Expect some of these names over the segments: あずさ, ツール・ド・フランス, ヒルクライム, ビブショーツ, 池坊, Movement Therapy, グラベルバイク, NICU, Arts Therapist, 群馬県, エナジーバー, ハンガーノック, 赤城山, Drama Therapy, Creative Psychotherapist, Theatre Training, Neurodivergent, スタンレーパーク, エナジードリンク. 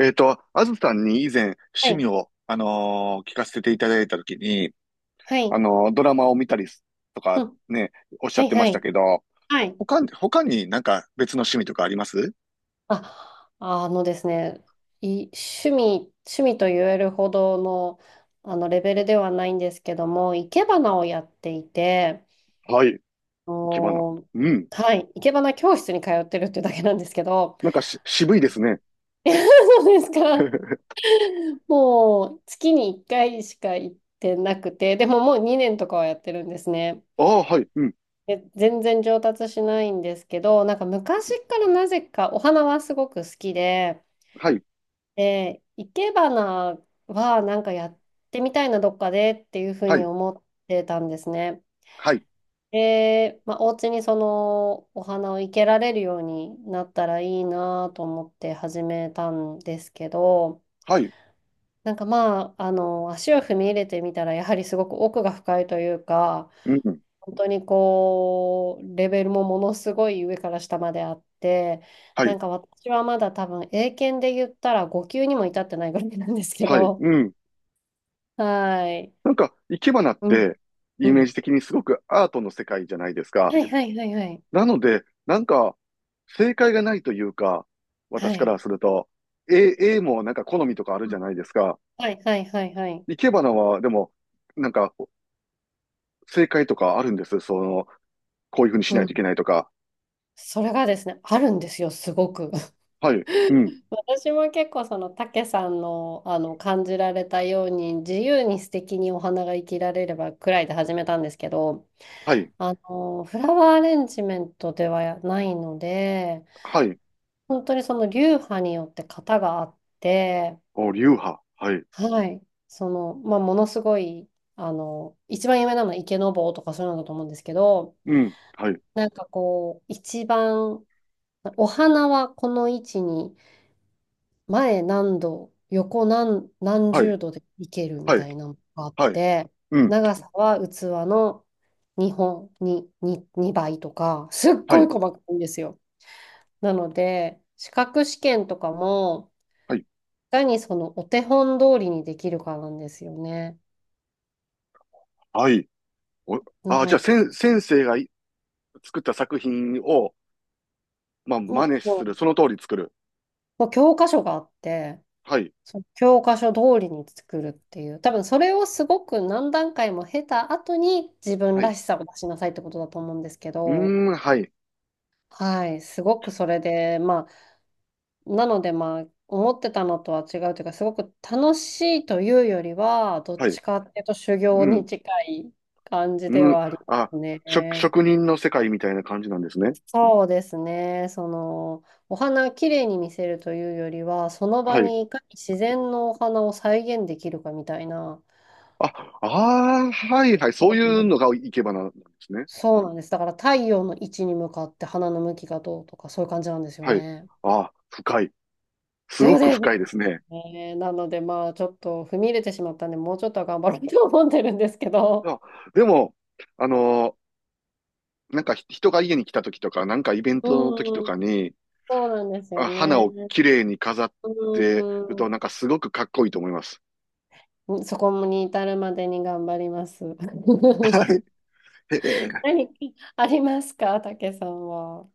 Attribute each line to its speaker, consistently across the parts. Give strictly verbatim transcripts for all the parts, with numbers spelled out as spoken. Speaker 1: えっと、あずさんに以前
Speaker 2: は
Speaker 1: 趣
Speaker 2: い、
Speaker 1: 味を、あのー聞かせていただいたときに、
Speaker 2: は
Speaker 1: あ
Speaker 2: い、
Speaker 1: のードラマを見たりすと
Speaker 2: う
Speaker 1: か
Speaker 2: ん、
Speaker 1: ね、おっし
Speaker 2: は
Speaker 1: ゃっ
Speaker 2: い、
Speaker 1: てま
Speaker 2: は
Speaker 1: した
Speaker 2: い。
Speaker 1: けど、
Speaker 2: はい。
Speaker 1: 他に、他になんか別の趣味とかあります？
Speaker 2: あ、あのですね、い、趣味、趣味と言えるほどの、あのレベルではないんですけども、生け花をやっていて、
Speaker 1: はい、生き花。
Speaker 2: おー、
Speaker 1: うん。
Speaker 2: はい、生け花教室に通ってるっていうだけなんですけど、
Speaker 1: なんかし、渋いですね。
Speaker 2: そうですか。もう月にいっかいしか行ってなくて、でももうにねんとかはやってるんですね。
Speaker 1: ああ、はい、うん、
Speaker 2: で全然上達しないんですけど、なんか昔からなぜかお花はすごく好きで、
Speaker 1: はい、
Speaker 2: で、生け花はなんかやってみたいな、どっかでっていうふう
Speaker 1: は
Speaker 2: に
Speaker 1: い、
Speaker 2: 思ってたんですね。
Speaker 1: はい、
Speaker 2: で、まあ、お家にそのお花を生けられるようになったらいいなと思って始めたんですけど、
Speaker 1: はい、
Speaker 2: なんかまあ、あの、足を踏み入れてみたら、やはりすごく奥が深いというか、
Speaker 1: うん、
Speaker 2: 本当にこう、レベルもものすごい上から下まであって、
Speaker 1: は
Speaker 2: な
Speaker 1: い、
Speaker 2: んか私はまだ多分英検で言ったらご級にも至ってないぐらいなんですけ
Speaker 1: はい、
Speaker 2: ど、
Speaker 1: うん。
Speaker 2: はい。
Speaker 1: なんか、生け花っ
Speaker 2: うん、
Speaker 1: て、
Speaker 2: う
Speaker 1: イメー
Speaker 2: ん。
Speaker 1: ジ的にすごくアートの世界じゃないですか。
Speaker 2: はいはいはいはい。
Speaker 1: なので、なんか、正解がないというか、
Speaker 2: は
Speaker 1: 私か
Speaker 2: い。
Speaker 1: らすると、A、A もなんか好みとかある
Speaker 2: う
Speaker 1: じ
Speaker 2: ん。
Speaker 1: ゃないですか。
Speaker 2: はいはいはいはい。
Speaker 1: 生け花は、でも、なんか、正解とかあるんです。その、こういうふうにし
Speaker 2: う
Speaker 1: ないとい
Speaker 2: ん。
Speaker 1: けないとか。
Speaker 2: それがですね、あるんですよ、すごく。
Speaker 1: はい、うん、
Speaker 2: 私も結構その、たけさんの、あの、感じられたように、自由に素敵にお花が生きられればくらいで始めたんですけど、
Speaker 1: はい、
Speaker 2: あの、フラワーアレンジメントではないので、
Speaker 1: はい、
Speaker 2: 本当にその流派によって型があって、
Speaker 1: お、流派、はい、
Speaker 2: はい。その、まあ、ものすごい、あの、一番有名なのは池坊とかそういうのだと思うんですけど、
Speaker 1: うん、はい、
Speaker 2: なんかこう、一番、お花はこの位置に、前何度、横何、何
Speaker 1: はい、
Speaker 2: 十度でいけるみ
Speaker 1: はい、
Speaker 2: たいなのがあっ
Speaker 1: はい、
Speaker 2: て、
Speaker 1: うん、
Speaker 2: 長さは器のにほん、にににばいとか、すっ
Speaker 1: は
Speaker 2: ごい
Speaker 1: い、
Speaker 2: 細かいんですよ。なので、資格試験とかも、
Speaker 1: はい、
Speaker 2: いかにそのお手本通りにできるかなんですよね。
Speaker 1: はい。お、
Speaker 2: な
Speaker 1: あ、じゃあ、
Speaker 2: の
Speaker 1: 先、先生がい作った作品を、まあ、
Speaker 2: う
Speaker 1: 真
Speaker 2: ん、
Speaker 1: 似
Speaker 2: う
Speaker 1: する。
Speaker 2: ん。
Speaker 1: その通り作る。
Speaker 2: まあ教科書があって、
Speaker 1: はい、
Speaker 2: その教科書通りに作るっていう、多分それをすごく何段階も経た後に自分
Speaker 1: は
Speaker 2: ら
Speaker 1: い、
Speaker 2: しさを出しなさいってことだと思うんですけ
Speaker 1: うー
Speaker 2: ど、
Speaker 1: ん、はい、
Speaker 2: はい、すごくそれで、まあ、なのでまあ、思ってたのとは違うというか、すごく楽しいというよりは、どっ
Speaker 1: はい、
Speaker 2: ちかっていうと修
Speaker 1: う
Speaker 2: 行に
Speaker 1: ん。
Speaker 2: 近い感じで
Speaker 1: うん、
Speaker 2: はありま
Speaker 1: あ、
Speaker 2: す
Speaker 1: 職、
Speaker 2: ね。
Speaker 1: 職人の世界みたいな感じなんですね。
Speaker 2: そうですね。その、お花きれいに見せるというよりは、その場
Speaker 1: はい。
Speaker 2: にいかに自然のお花を再現できるかみたいな。
Speaker 1: あ、ああ、はいはい。そう
Speaker 2: そうなん
Speaker 1: い
Speaker 2: で
Speaker 1: うの
Speaker 2: す。
Speaker 1: がいけばな、なんですね。
Speaker 2: そうなんです。だから太陽の位置に向かって花の向きがどうとか、そういう感じなんですよ
Speaker 1: はい。
Speaker 2: ね。
Speaker 1: ああ、深い。す
Speaker 2: そ
Speaker 1: ご
Speaker 2: う
Speaker 1: く
Speaker 2: です
Speaker 1: 深いですね。
Speaker 2: ね。なので、まあ、ちょっと踏み入れてしまったんで、もうちょっとは頑張ろうと思ってるんですけど。
Speaker 1: あ、でも、あのーなんかひ人が家に来た時とか、なんかイベン
Speaker 2: う
Speaker 1: トの時と
Speaker 2: ん、
Speaker 1: かに、
Speaker 2: そうなんですよ
Speaker 1: あ、花
Speaker 2: ね。
Speaker 1: を綺麗に飾ってると、なんかすごくかっこいいと思います。
Speaker 2: うん、そこに至るまでに頑張ります。
Speaker 1: はい。ええ
Speaker 2: 何かありますか、たけさんは。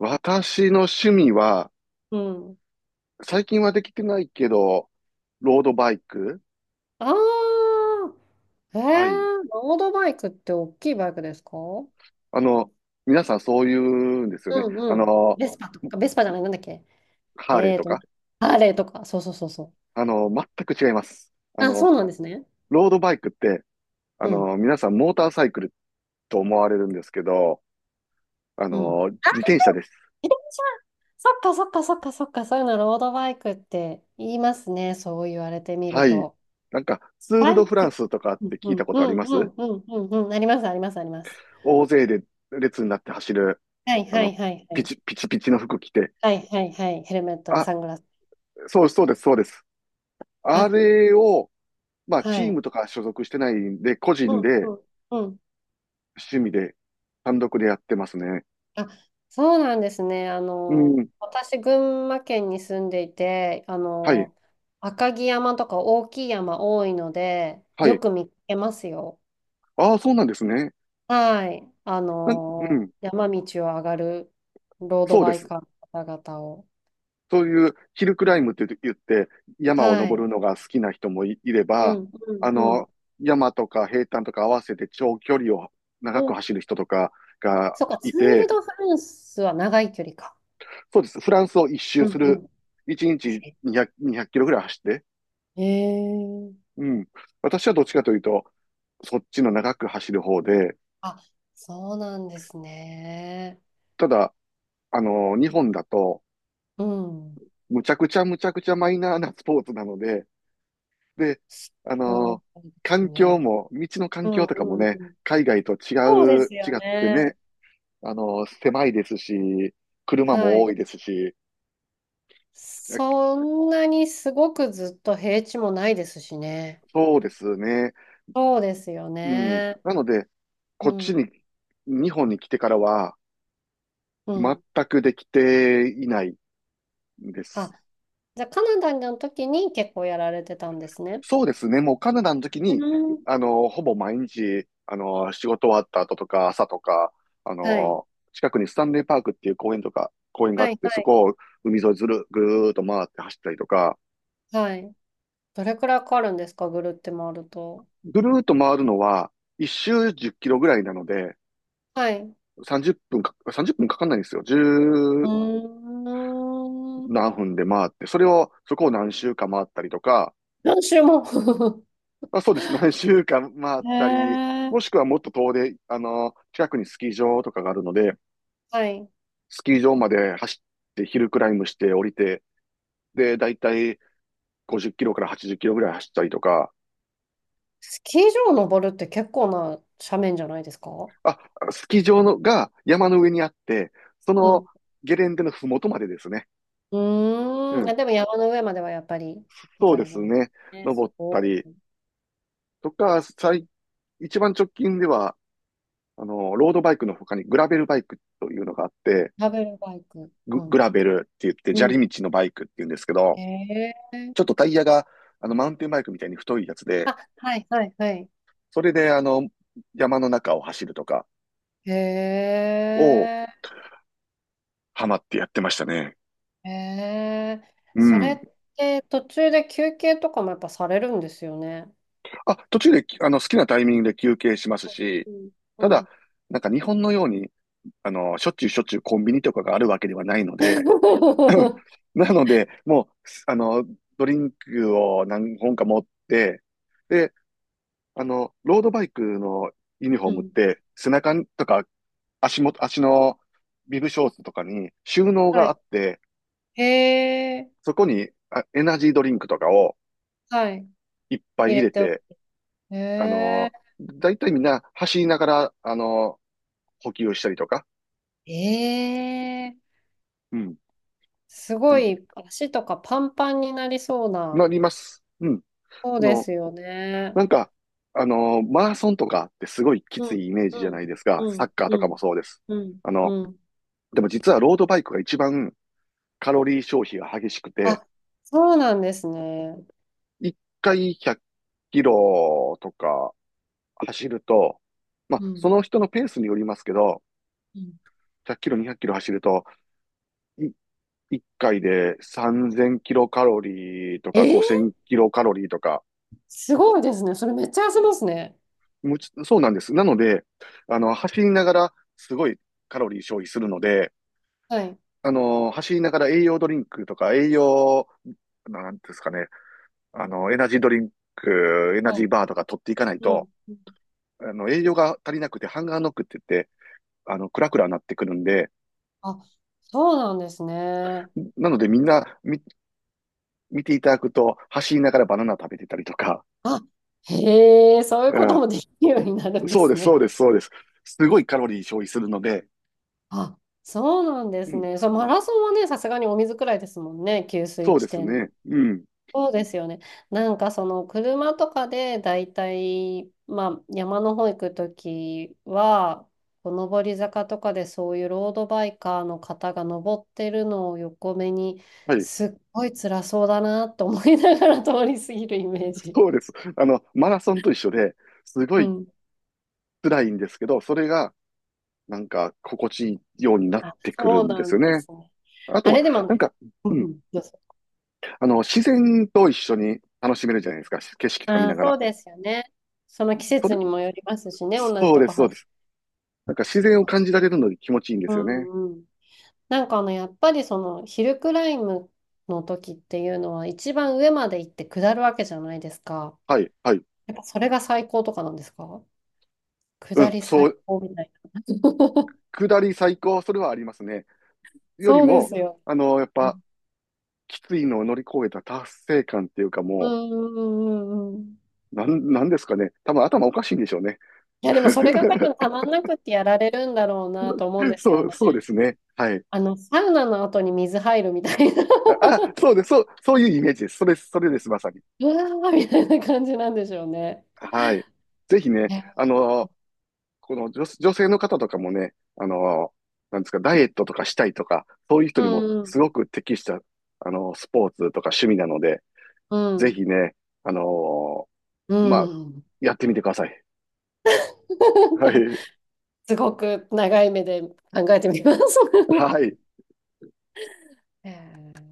Speaker 1: 私の趣味は、
Speaker 2: うん。
Speaker 1: 最近はできてないけど、ロードバイク。
Speaker 2: ああ、ええ。
Speaker 1: はい。
Speaker 2: ロードバイクって大きいバイクですか？
Speaker 1: あの、皆さんそう言うんですよね。
Speaker 2: うん
Speaker 1: あ
Speaker 2: うん。
Speaker 1: の、
Speaker 2: ベスパとか、ベスパじゃない、なんだっけ。
Speaker 1: ハーレー
Speaker 2: えー
Speaker 1: と
Speaker 2: と、
Speaker 1: か。
Speaker 2: ハーレーとか、そうそうそうそう。
Speaker 1: あの、全く違います。あ
Speaker 2: あ、そ
Speaker 1: の、
Speaker 2: うなんですね。
Speaker 1: ロードバイクって、あ
Speaker 2: うん、
Speaker 1: の、皆さんモーターサイクルと思われるんですけど、あ
Speaker 2: うん。
Speaker 1: の、
Speaker 2: あ、
Speaker 1: 自転車です。
Speaker 2: 自転車。そっかそっかそっかそっか、そういうのロードバイクって言いますね、そう言われてみ
Speaker 1: は
Speaker 2: る
Speaker 1: い。
Speaker 2: と。
Speaker 1: なんか、ツール・
Speaker 2: バ
Speaker 1: ド・
Speaker 2: イ
Speaker 1: フラン
Speaker 2: ク。
Speaker 1: スとかっ
Speaker 2: うん
Speaker 1: て
Speaker 2: う
Speaker 1: 聞いた
Speaker 2: ん
Speaker 1: こ
Speaker 2: う
Speaker 1: とあり
Speaker 2: ん
Speaker 1: ます？
Speaker 2: うんうんうんうん、ありますありますあります。
Speaker 1: 大勢で列になって走る、
Speaker 2: はい
Speaker 1: あ
Speaker 2: は
Speaker 1: の、
Speaker 2: いはいは
Speaker 1: ピ
Speaker 2: い。
Speaker 1: チ、ピチピチの服着て。
Speaker 2: はいはいはい。ヘルメットで
Speaker 1: あ、
Speaker 2: サングラス。
Speaker 1: そう、そうです、そうです。あ
Speaker 2: あ、
Speaker 1: れを、まあ、
Speaker 2: は
Speaker 1: チーム
Speaker 2: い。
Speaker 1: とか所属してないんで、個
Speaker 2: う
Speaker 1: 人
Speaker 2: んう
Speaker 1: で、
Speaker 2: んうん。
Speaker 1: 趣味で、単独でやってますね。
Speaker 2: あ、そうなんですね。あ
Speaker 1: う
Speaker 2: の、
Speaker 1: ん。
Speaker 2: 私、群馬県に住んでいて、あ
Speaker 1: はい。
Speaker 2: の、赤城山とか大きい山多いので、
Speaker 1: は
Speaker 2: よ
Speaker 1: い。
Speaker 2: く見かけますよ。
Speaker 1: ああ、そうなんですね。
Speaker 2: はい。あ
Speaker 1: なう
Speaker 2: の、
Speaker 1: ん。
Speaker 2: 山道を上がるロード
Speaker 1: そうで
Speaker 2: バイ
Speaker 1: す。
Speaker 2: カーの方々を。
Speaker 1: そういうヒルクライムって言って、山を
Speaker 2: は
Speaker 1: 登
Speaker 2: い。
Speaker 1: るのが好きな人もい、いれ
Speaker 2: う
Speaker 1: ば、
Speaker 2: んう
Speaker 1: あ
Speaker 2: んうん。
Speaker 1: の、山とか平坦とか合わせて長距離を長
Speaker 2: う
Speaker 1: く
Speaker 2: ん。
Speaker 1: 走る人とかが
Speaker 2: そっか、
Speaker 1: い
Speaker 2: ツール・
Speaker 1: て、
Speaker 2: ド・フランスは長い距離か。
Speaker 1: そうです。フランスを一周
Speaker 2: う
Speaker 1: す
Speaker 2: んう
Speaker 1: る。
Speaker 2: ん。
Speaker 1: いちにちにひゃく、にひゃくキロぐらい走って。
Speaker 2: へえ。
Speaker 1: うん。私はどっちかというと、そっちの長く走る方で、
Speaker 2: あ、そうなんですね。
Speaker 1: ただ、あの、日本だと、
Speaker 2: うん。
Speaker 1: むちゃくちゃむちゃくちゃマイナーなスポーツなので、で、あの
Speaker 2: そ
Speaker 1: ー
Speaker 2: うです
Speaker 1: 環境
Speaker 2: ね。
Speaker 1: も、道の
Speaker 2: う
Speaker 1: 環境
Speaker 2: ん
Speaker 1: とか
Speaker 2: う
Speaker 1: も
Speaker 2: んう
Speaker 1: ね、
Speaker 2: ん。
Speaker 1: 海外と
Speaker 2: そうで
Speaker 1: 違う、
Speaker 2: すよ
Speaker 1: 違って
Speaker 2: ね。
Speaker 1: ね、あのー狭いですし、車
Speaker 2: は
Speaker 1: も多
Speaker 2: い。
Speaker 1: いですし、
Speaker 2: そんなにすごくずっと平地もないですしね。
Speaker 1: そうですね。
Speaker 2: そうですよ
Speaker 1: うん。
Speaker 2: ね。
Speaker 1: なので、
Speaker 2: う
Speaker 1: こっち
Speaker 2: ん。
Speaker 1: に、日本に来てからは、
Speaker 2: う
Speaker 1: 全
Speaker 2: ん。
Speaker 1: くできていないんで
Speaker 2: あ、
Speaker 1: す。
Speaker 2: じゃあカナダの時に結構やられてたんですね。
Speaker 1: そうですね。もうカナダの時
Speaker 2: う
Speaker 1: に、
Speaker 2: ん。
Speaker 1: あの、ほぼ毎日、あの、仕事終わった後とか、朝とか、あ
Speaker 2: はい。
Speaker 1: の、近くにスタンレーパークっていう公園とか、公園があ
Speaker 2: は
Speaker 1: っ
Speaker 2: い。
Speaker 1: て、
Speaker 2: は
Speaker 1: そ
Speaker 2: い。
Speaker 1: こを海沿いずる、ぐーっと回って走ったりとか、
Speaker 2: はい。どれくらいかかるんですか、ぐるって回ると？
Speaker 1: ぐるーっと回るのは、一周じゅっキロぐらいなので、
Speaker 2: はい。う
Speaker 1: さんじゅっぷんか、さんじゅっぷんかかんないんですよ。
Speaker 2: ー
Speaker 1: じゅう
Speaker 2: ん。
Speaker 1: 何分で回って、それを、そこを何周か回ったりとか、
Speaker 2: 何周も。
Speaker 1: まあ、そうです。何周か回っ
Speaker 2: へ
Speaker 1: たり、
Speaker 2: え。
Speaker 1: もしくはもっと遠で、あの、近くにスキー場とかがあるので、
Speaker 2: はい。
Speaker 1: スキー場まで走って、ヒルクライムして降りて、で、だいたいごじゅうキロからはちじゅうキロぐらい走ったりとか、
Speaker 2: スキー場を登るって結構な斜面じゃないですか？
Speaker 1: あ、スキー場のが山の上にあって、そ
Speaker 2: う
Speaker 1: の
Speaker 2: ん。
Speaker 1: ゲレンデのふもとまでですね。
Speaker 2: う
Speaker 1: う
Speaker 2: ーん。あ、
Speaker 1: ん。
Speaker 2: でも山の上まではやっぱり行
Speaker 1: そう
Speaker 2: か
Speaker 1: で
Speaker 2: れる
Speaker 1: す
Speaker 2: ん
Speaker 1: ね。
Speaker 2: ですね。
Speaker 1: 登った
Speaker 2: お。
Speaker 1: りとか、最、一番直近では、あの、ロードバイクの他にグラベルバイクというのがあって、
Speaker 2: ラベルバイク。
Speaker 1: グ、
Speaker 2: う
Speaker 1: グ
Speaker 2: ん。
Speaker 1: ラベルって言って、
Speaker 2: う
Speaker 1: 砂
Speaker 2: ん。
Speaker 1: 利道のバイクって言うんですけ
Speaker 2: へ
Speaker 1: ど、
Speaker 2: え。
Speaker 1: ちょっとタイヤが、あの、マウンテンバイクみたいに太いやつで、
Speaker 2: あ、はいはいはい。
Speaker 1: それで、あの、山の中を走るとか、
Speaker 2: へ
Speaker 1: を
Speaker 2: え。
Speaker 1: ハマってやってましたね。
Speaker 2: へえ。
Speaker 1: う
Speaker 2: それっ
Speaker 1: ん。
Speaker 2: て途中で休憩とかもやっぱされるんですよね。
Speaker 1: あ、途中で、あの、好きなタイミングで休憩しますし、
Speaker 2: うん。
Speaker 1: た
Speaker 2: う
Speaker 1: だ、
Speaker 2: ん。
Speaker 1: なんか日本のように、あの、しょっちゅうしょっちゅうコンビニとかがあるわけではないので、なので、もう、すあの、ドリンクを何本か持って、で、あの、ロードバイクのユニフォー
Speaker 2: う
Speaker 1: ムっ
Speaker 2: ん。
Speaker 1: て、背中とか足元、足のビブショーツとかに収納
Speaker 2: は
Speaker 1: があっ
Speaker 2: い。
Speaker 1: て、
Speaker 2: へえ。
Speaker 1: そこにあエナジードリンクとかを
Speaker 2: はい。
Speaker 1: いっぱい
Speaker 2: 入
Speaker 1: 入
Speaker 2: れ
Speaker 1: れ
Speaker 2: ておく。
Speaker 1: て、
Speaker 2: へ
Speaker 1: あの
Speaker 2: え。
Speaker 1: ー、だいたいみんな走りながら、あのー、補給をしたりとか、
Speaker 2: ええ。
Speaker 1: うん、
Speaker 2: すごい足とかパンパンになりそう
Speaker 1: な
Speaker 2: な。
Speaker 1: ります。うん。
Speaker 2: そう
Speaker 1: あ
Speaker 2: で
Speaker 1: の、
Speaker 2: すよね。
Speaker 1: なんか、あのー、マラソンとかってすごいきつ
Speaker 2: うん、
Speaker 1: いイメージじゃ
Speaker 2: う
Speaker 1: な
Speaker 2: ん、
Speaker 1: いですか。
Speaker 2: う
Speaker 1: サッ
Speaker 2: ん、
Speaker 1: カーと
Speaker 2: う
Speaker 1: かも
Speaker 2: ん、
Speaker 1: そうです。
Speaker 2: うん、
Speaker 1: あの、
Speaker 2: うん。
Speaker 1: でも実はロードバイクが一番カロリー消費が激しくて、
Speaker 2: あ、そうなんですね。
Speaker 1: 一回ひゃくキロとか走ると、まあ、
Speaker 2: う
Speaker 1: そ
Speaker 2: ん、
Speaker 1: の人のペースによりますけど、
Speaker 2: うん。
Speaker 1: ひゃくキロ、にひゃくキロ走ると、一回でさんぜんキロカロリーと
Speaker 2: え
Speaker 1: か5000
Speaker 2: ー、
Speaker 1: キロカロリーとか、
Speaker 2: すごいですね。それめっちゃ痩せますね。
Speaker 1: むちそうなんです。なので、あの、走りながらすごいカロリー消費するので、
Speaker 2: はい、
Speaker 1: あの、走りながら栄養ドリンクとか栄養、なんていうんですかね、あの、エナジードリンク、エナ
Speaker 2: は
Speaker 1: ジー
Speaker 2: い。
Speaker 1: バーとか取っていかない
Speaker 2: う
Speaker 1: と、
Speaker 2: ん。
Speaker 1: あの、栄養が足りなくてハンガーノックって言って、あの、クラクラになってくるんで、
Speaker 2: あ、そうなんですね。
Speaker 1: なのでみんなみ見ていただくと、走りながらバナナ食べてたりとか、
Speaker 2: あ、へえ、そういう
Speaker 1: う
Speaker 2: こと
Speaker 1: ん
Speaker 2: もできるようになるんで
Speaker 1: そうで
Speaker 2: す
Speaker 1: す、そ
Speaker 2: ね。
Speaker 1: うです、そうです。すごいカロリー消費するので、
Speaker 2: あ、そうなんで
Speaker 1: う
Speaker 2: す
Speaker 1: ん、
Speaker 2: ね。そう、マラソンはね、さすがにお水くらいですもんね、給水
Speaker 1: そう
Speaker 2: 地
Speaker 1: です
Speaker 2: 点。
Speaker 1: ね。うん。
Speaker 2: そうですよね。なんかその車とかでだいたいまあ山の方行くときは、こう上り坂とかでそういうロードバイカーの方が登ってるのを横目に、
Speaker 1: はい。
Speaker 2: すっごい辛そうだなと思いながら通り過ぎるイメージ。
Speaker 1: そうです。あの、マラソンと一緒で、すご
Speaker 2: う
Speaker 1: い
Speaker 2: ん。
Speaker 1: 辛いんですけど、それが、なんか、心地いいようになっ
Speaker 2: あ、
Speaker 1: てくる
Speaker 2: そう
Speaker 1: んで
Speaker 2: な
Speaker 1: すよ
Speaker 2: んで
Speaker 1: ね。
Speaker 2: すね。
Speaker 1: あと
Speaker 2: あ
Speaker 1: は、
Speaker 2: れで
Speaker 1: な
Speaker 2: も、
Speaker 1: んか、
Speaker 2: うん
Speaker 1: うん、
Speaker 2: うん、どうぞ。
Speaker 1: あの、自然と一緒に楽しめるじゃないですか。景色とか見
Speaker 2: あ
Speaker 1: な
Speaker 2: ー、
Speaker 1: が
Speaker 2: そ
Speaker 1: ら。
Speaker 2: うですよね。その季
Speaker 1: そ
Speaker 2: 節
Speaker 1: れ、
Speaker 2: にもよりますしね、同じ
Speaker 1: そう
Speaker 2: と
Speaker 1: で
Speaker 2: こ
Speaker 1: す、そうで
Speaker 2: 走る。
Speaker 1: す。なんか自然を感じられるので気持ちいいんですよね。
Speaker 2: うん。なんかあの、やっぱりその、ヒルクライムの時っていうのは、一番上まで行って下るわけじゃないですか。
Speaker 1: はい、はい。
Speaker 2: やっぱそれが最高とかなんですか？
Speaker 1: う
Speaker 2: 下
Speaker 1: ん、
Speaker 2: り
Speaker 1: そ
Speaker 2: 最
Speaker 1: う、
Speaker 2: 高みたいな。
Speaker 1: 下り最高、それはありますね。より
Speaker 2: そうで
Speaker 1: も、
Speaker 2: すよ。
Speaker 1: あの、やっ
Speaker 2: う
Speaker 1: ぱ、
Speaker 2: ん
Speaker 1: きついのを乗り越えた達成感っていうか
Speaker 2: う
Speaker 1: も
Speaker 2: んうんうんうん。
Speaker 1: う、なん、なんですかね。多分頭おかしいんでしょうね。
Speaker 2: いや、でもそれが多分 たまんなくってやられるんだろうなと思うんです
Speaker 1: そ
Speaker 2: よ
Speaker 1: う、
Speaker 2: ね。
Speaker 1: そうですね。はい。
Speaker 2: あの、サウナの後に水入るみたいな。
Speaker 1: あ、あそうです。そう、そういうイメージです。それ、それです、まさに。
Speaker 2: うわーみたいな感じなんでしょうね。
Speaker 1: はい。ぜひね、
Speaker 2: ね。
Speaker 1: あのこの女、女性の方とかもね、あのなんですか、ダイエットとかしたいとか、そういう人
Speaker 2: う
Speaker 1: にも
Speaker 2: んう
Speaker 1: す
Speaker 2: ん
Speaker 1: ごく適した、あのスポーツとか趣味なので、
Speaker 2: う
Speaker 1: ぜ
Speaker 2: ん。
Speaker 1: ひね、あの
Speaker 2: う
Speaker 1: まあ、
Speaker 2: ん。
Speaker 1: やってみてください。はい。
Speaker 2: すごく長い目で考えてみます。
Speaker 1: はい。
Speaker 2: ええ